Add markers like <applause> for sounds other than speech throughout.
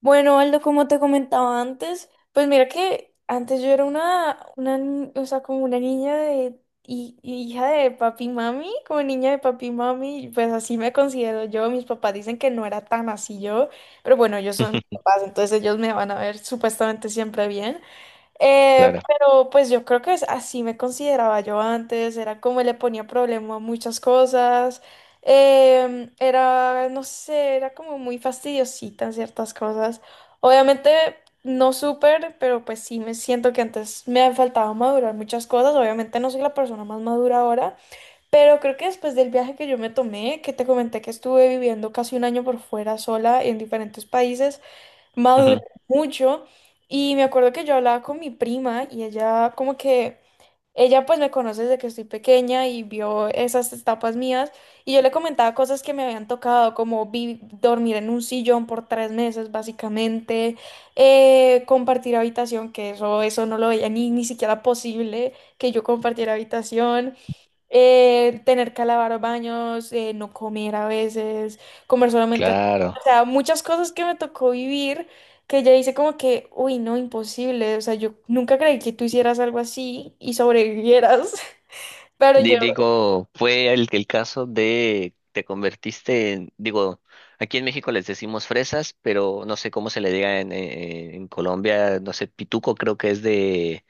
Bueno, Aldo, como te comentaba antes, pues mira que antes yo era una, ni- o sea, como una niña de, hija de papi y mami, como niña de papi y mami, pues así me considero yo. Mis papás dicen que no era tan así yo, pero bueno, ellos son Ujú. papás, entonces ellos me van a ver supuestamente siempre bien. Claro. Pero pues yo creo que así me consideraba yo antes, era como le ponía problema a muchas cosas, era, no sé, era como muy fastidiosita en ciertas cosas. Obviamente no súper, pero pues sí me siento que antes me han faltado madurar muchas cosas, obviamente no soy la persona más madura ahora, pero creo que después del viaje que yo me tomé, que te comenté que estuve viviendo casi un año por fuera sola en diferentes países, madurar Ujú, mucho y me acuerdo que yo hablaba con mi prima y ella como que, ella pues me conoce desde que estoy pequeña y vio esas etapas mías y yo le comentaba cosas que me habían tocado como dormir en un sillón por 3 meses básicamente, compartir habitación, que eso no lo veía ni siquiera posible que yo compartiera habitación, tener que lavar baños, no comer a veces, comer solamente. O claro. sea, muchas cosas que me tocó vivir que ya hice como que, uy, no, imposible. O sea, yo nunca creí que tú hicieras algo así y sobrevivieras, <laughs> pero yo, Digo, fue el caso de te convertiste en, digo, aquí en México les decimos fresas, pero no sé cómo se le diga en Colombia, no sé, pituco creo que es de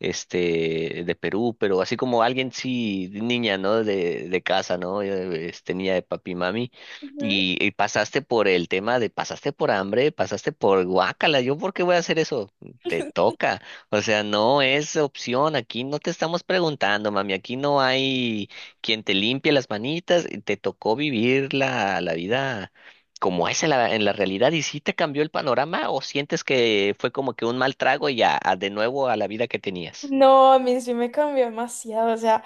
este de Perú, pero así como alguien sí, niña, ¿no? De casa, ¿no? Este niña de papi mami. ujú. Y pasaste por el tema de pasaste por hambre, pasaste por guácala, ¿yo por qué voy a hacer eso? Te toca. O sea, no es opción. Aquí no te estamos preguntando, mami. Aquí no hay quien te limpie las manitas. Y te tocó vivir la vida como es en la realidad. ¿Y si te cambió el panorama o sientes que fue como que un mal trago y ya a de nuevo a la vida que tenías? No, a mí sí me cambió demasiado. O sea,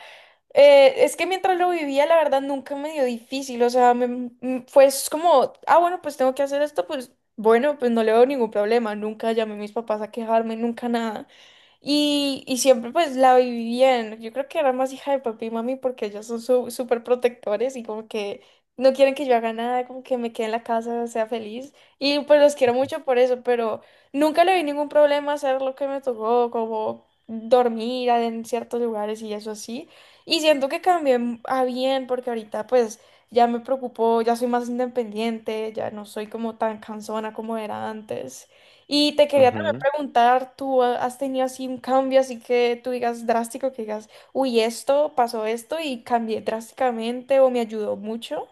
Es que mientras lo vivía, la verdad, nunca me dio difícil. O sea, fue es como, ah, bueno, pues tengo que hacer esto, pues bueno, pues no le veo ningún problema, nunca llamé a mis papás a quejarme, nunca nada. Y siempre pues la viví bien, yo creo que era más hija de papi y mami porque ellos son súper protectores y como que no quieren que yo haga nada, como que me quede en la casa, sea feliz. Y pues los quiero mucho por eso, pero nunca le vi ningún problema hacer lo que me tocó, como dormir en ciertos lugares y eso así. Y siento que cambié a bien porque ahorita pues ya me preocupo, ya soy más independiente, ya no soy como tan cansona como era antes. Y te quería también Ujú, preguntar, ¿tú has tenido así un cambio así que tú digas drástico, que digas, uy, esto, pasó esto y cambié drásticamente o me ayudó mucho?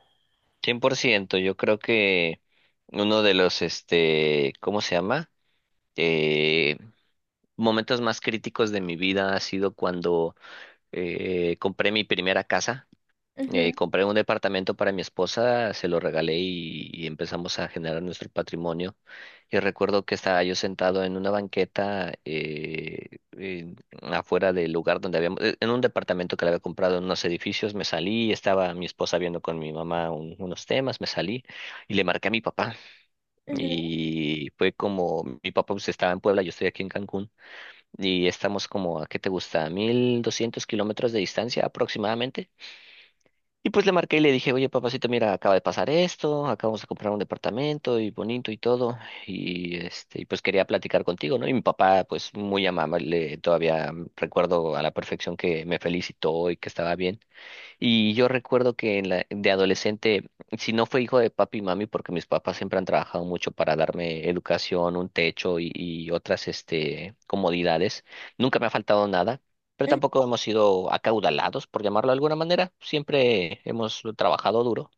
100%. Yo creo que uno de los, este, ¿cómo se llama? Eh, Momentos más críticos de mi vida ha sido cuando compré mi primera casa. Ujú, Compré un departamento para mi esposa, se lo regalé y empezamos a generar nuestro patrimonio. Y recuerdo que estaba yo sentado en una banqueta afuera del lugar donde habíamos, en un departamento que le había comprado en unos edificios, me salí, estaba mi esposa viendo con mi mamá unos temas, me salí y le marqué a mi papá. ujú, Y fue como, mi papá pues, estaba en Puebla, yo estoy aquí en Cancún y estamos como, ¿a qué te gusta? 1200 kilómetros de distancia aproximadamente. Y pues le marqué y le dije, oye, papacito, mira, acaba de pasar esto, acabamos de comprar un departamento y bonito y todo, y este, y pues quería platicar contigo, ¿no? Y mi papá, pues muy amable, todavía recuerdo a la perfección que me felicitó y que estaba bien. Y yo recuerdo que en de adolescente, si no fue hijo de papi y mami, porque mis papás siempre han trabajado mucho para darme educación, un techo y otras este, comodidades, nunca me ha faltado nada, pero ujú, tampoco hemos sido acaudalados, por llamarlo de alguna manera, siempre hemos trabajado duro.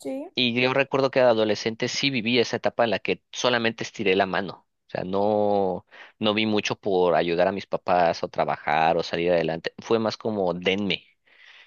sí. Y yo recuerdo que de adolescente sí viví esa etapa en la que solamente estiré la mano. O sea, no, no vi mucho por ayudar a mis papás o trabajar o salir adelante. Fue más como denme.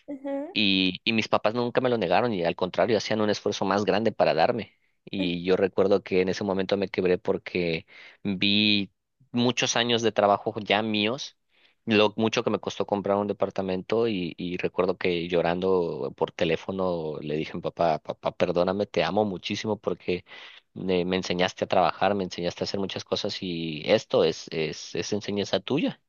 Ujú, Y mis papás nunca me lo negaron y al contrario, hacían un esfuerzo más grande para darme. ujú, Y yo recuerdo que en ese momento me quebré porque vi muchos años de trabajo ya míos, lo mucho que me costó comprar un departamento y recuerdo que llorando por teléfono le dije a mi papá, papá, perdóname, te amo muchísimo porque me enseñaste a trabajar, me enseñaste a hacer muchas cosas y esto es enseñanza tuya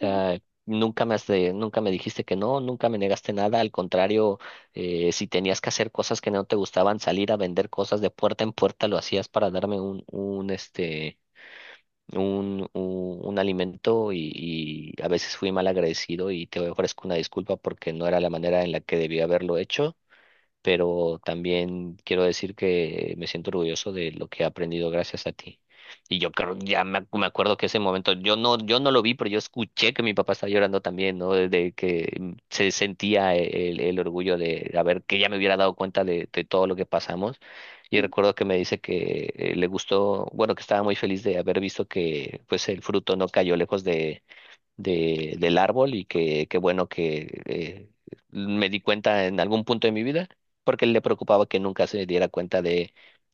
ujú. sea, nunca me nunca me dijiste que no, nunca me negaste nada. Al contrario, si tenías que hacer cosas que no te gustaban, salir a vender cosas de puerta en puerta, lo hacías para darme un este, un alimento y a veces fui mal agradecido y te ofrezco una disculpa porque no era la manera en la que debía haberlo hecho, pero también quiero decir que me siento orgulloso de lo que he aprendido gracias a ti. Y yo creo, ya me acuerdo que ese momento, yo no lo vi, pero yo escuché que mi papá estaba llorando también, ¿no? De que mm, se sentía el orgullo de haber, que ya me hubiera dado cuenta de todo lo que pasamos. Y recuerdo que me dice que le gustó, bueno, que estaba muy feliz de haber visto que pues el fruto no cayó lejos del árbol y que qué bueno que me di cuenta en algún punto de mi vida, porque le preocupaba que nunca se diera cuenta de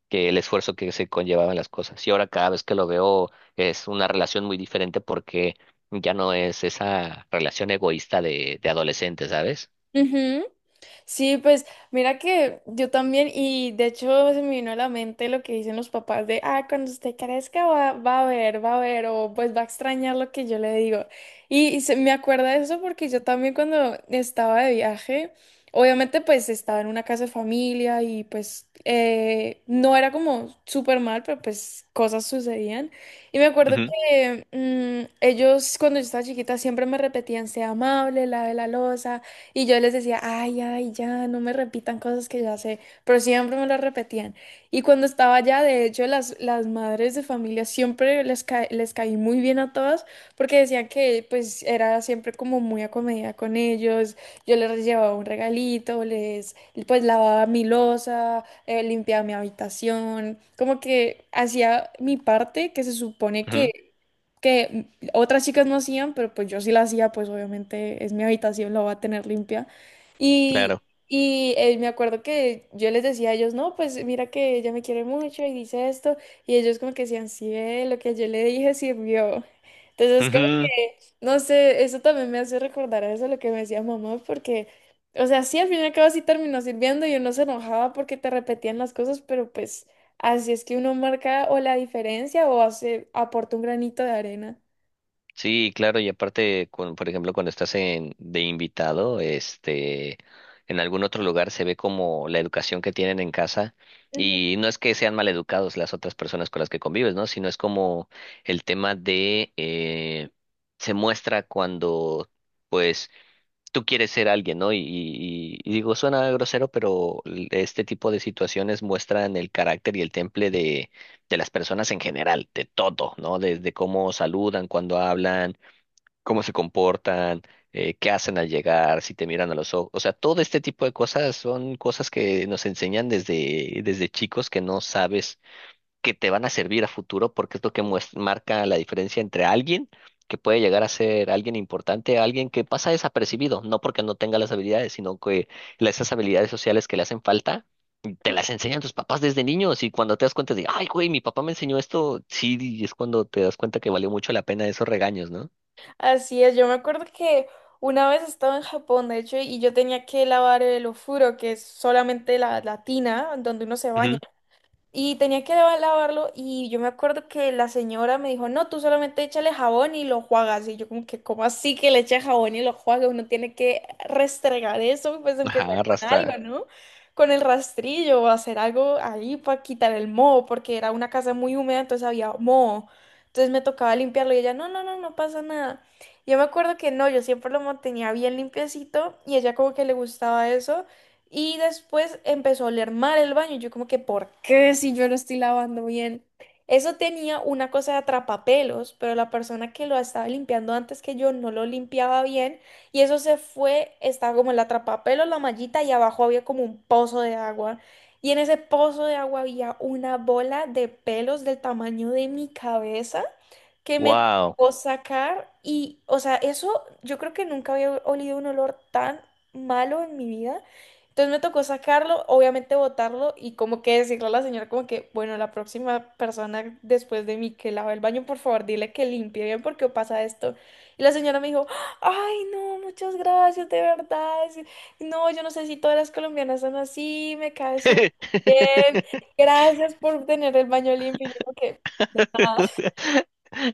que el esfuerzo que se conllevaban las cosas. Y ahora cada vez que lo veo es una relación muy diferente porque ya no es esa relación egoísta de adolescente, ¿sabes? Ujú. Sí, pues mira que yo también, y de hecho se me vino a la mente lo que dicen los papás de, ah, cuando usted crezca va a ver, va a ver, o pues va a extrañar lo que yo le digo. Y me acuerda de eso porque yo también cuando estaba de viaje, obviamente pues estaba en una casa de familia y pues no era como súper mal, pero pues cosas sucedían. Y me acuerdo Ujú, que ellos cuando yo estaba chiquita siempre me repetían, sea amable, lave la loza. Y yo les decía, ay, ay, ya, no me repitan cosas que ya sé, pero siempre me las repetían. Y cuando estaba allá, de hecho, las madres de familia siempre les caí muy bien a todas porque decían que pues era siempre como muy acomedida con ellos. Yo les llevaba un regalito, les pues lavaba mi loza, limpiaba mi habitación, como que hacía mi parte que se supone ujú, que otras chicas no hacían, pero pues yo sí la hacía, pues obviamente es mi habitación, la voy a tener limpia. Y, claro. y me acuerdo que yo les decía a ellos, no, pues mira que ella me quiere mucho y dice esto, y ellos como que decían, sí, ve, lo que yo le dije sirvió. Entonces como Ujú. que, no sé, eso también me hace recordar a eso, lo que me decía mamá, porque, o sea, sí, al fin y al cabo sí terminó sirviendo y uno se enojaba porque te repetían las cosas, pero pues así es que uno marca o la diferencia o hace, aporta un granito de arena. Sí, claro, y aparte, con, por ejemplo, cuando estás en, de invitado, este, en algún otro lugar se ve como la educación que tienen en casa Ujú. y no es que sean maleducados las otras personas con las que convives, ¿no? Sino es como el tema de se muestra cuando, pues, tú quieres ser alguien, ¿no? Y digo, suena grosero, pero este tipo de situaciones muestran el carácter y el temple de las personas en general, de todo, ¿no? Desde cómo saludan, cuando hablan cómo se comportan, qué hacen al llegar, si te miran a los ojos. O sea, todo este tipo de cosas son cosas que nos enseñan desde, desde chicos que no sabes que te van a servir a futuro porque es lo que marca la diferencia entre alguien que puede llegar a ser alguien importante, alguien que pasa desapercibido, no porque no tenga las habilidades, sino que esas habilidades sociales que le hacen falta. Te las enseñan tus papás desde niños y cuando te das cuenta de, ay, güey, mi papá me enseñó esto, sí, y es cuando te das cuenta que valió mucho la pena esos regaños, ¿no? Así es, yo me acuerdo que una vez estaba en Japón, de hecho, y yo tenía que lavar el ofuro, que es solamente la tina donde uno se baña. Y tenía que lavarlo y yo me acuerdo que la señora me dijo, no, tú solamente échale jabón y lo enjuagas. Y yo como que, ¿cómo así que le eche jabón y lo enjuaga? Uno tiene que restregar eso, pues aunque sea Ajá, con algo, rasta. ¿no? Con el rastrillo o hacer algo ahí para quitar el moho, porque era una casa muy húmeda, entonces había moho. Entonces me tocaba limpiarlo y ella, no, no, no, no pasa nada. Yo me acuerdo que no, yo siempre lo mantenía bien limpiecito y ella como que le gustaba eso. Y después empezó a oler mal el baño. Y yo como que, ¿por qué si yo lo estoy lavando bien? Eso tenía una cosa de atrapapelos, pero la persona que lo estaba limpiando antes que yo no lo limpiaba bien y eso se fue, estaba como el atrapapelos, la mallita y abajo había como un pozo de agua. Y en ese pozo de agua había una bola de pelos del tamaño de mi cabeza que me Wow. tocó sacar y, o sea, eso yo creo que nunca había olido un olor tan malo en mi vida. Entonces me tocó sacarlo, obviamente botarlo y como que decirle a la señora como que, bueno, la próxima persona después de mí que lava el baño, por favor, dile que limpie bien porque pasa esto. Y la señora me dijo, ay, no, muchas gracias, de verdad. No, yo no sé si todas las colombianas son así, me cae súper bien. <laughs> Gracias por tener el baño limpio. Y yo como que,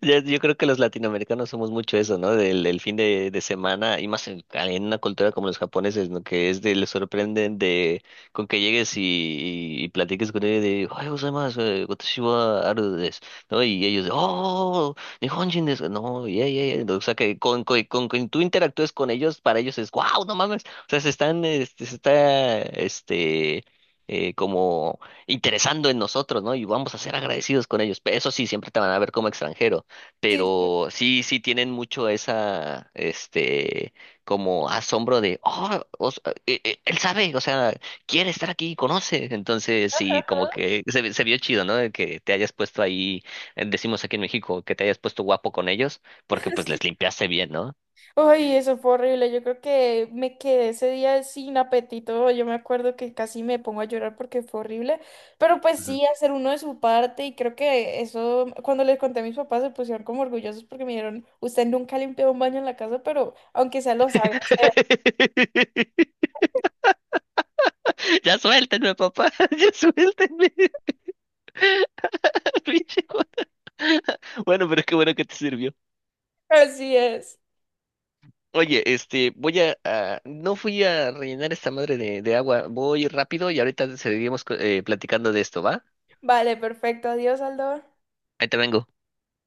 Yo creo que los latinoamericanos somos mucho eso, ¿no? Del fin de semana y más en una cultura como los japoneses, ¿no? Que es de, les sorprenden de con que llegues y platiques con ellos de, "¡Ay, gozaimasu! Watashi wa aru desu", ¿no? Y ellos de, "¡Oh! ¡Nihonjin desu! No, yeah, yeah, yeah". O sea, que tú interactúes con ellos, para ellos es, "¡Wow! ¡No mames!". O sea, se están, este, se está, este, como interesando en nosotros, ¿no? Y vamos a ser agradecidos con ellos. Eso sí, siempre te van a ver como extranjero, sí, sí. pero sí, sí tienen mucho esa, este, como asombro de, oh, él sabe, o sea, quiere estar aquí, conoce. Entonces, sí, como que se, se vio chido, ¿no? El que te hayas puesto ahí, decimos aquí en México, que te hayas puesto guapo con ellos, porque pues les <laughs> limpiaste bien, ¿no? Ay, eso fue horrible. Yo creo que me quedé ese día sin apetito. Yo me acuerdo que casi me pongo a llorar porque fue horrible. Pero pues Ujú. sí, hacer uno de su parte. Y creo que eso, cuando les conté a mis papás, se pusieron como orgullosos porque me dijeron, usted nunca ha limpiado un baño en la casa, pero aunque sea lo sabe hacer. <laughs> Ya suéltenme, papá, <laughs> ya suéltenme, <laughs> pinche <laughs> Bueno, pero qué bueno que te sirvió. <laughs> Así es. Oye, este, voy no fui a rellenar esta madre de agua. Voy rápido y ahorita seguimos platicando de esto, ¿va? Vale, perfecto. Adiós, Aldo. Ahí te vengo.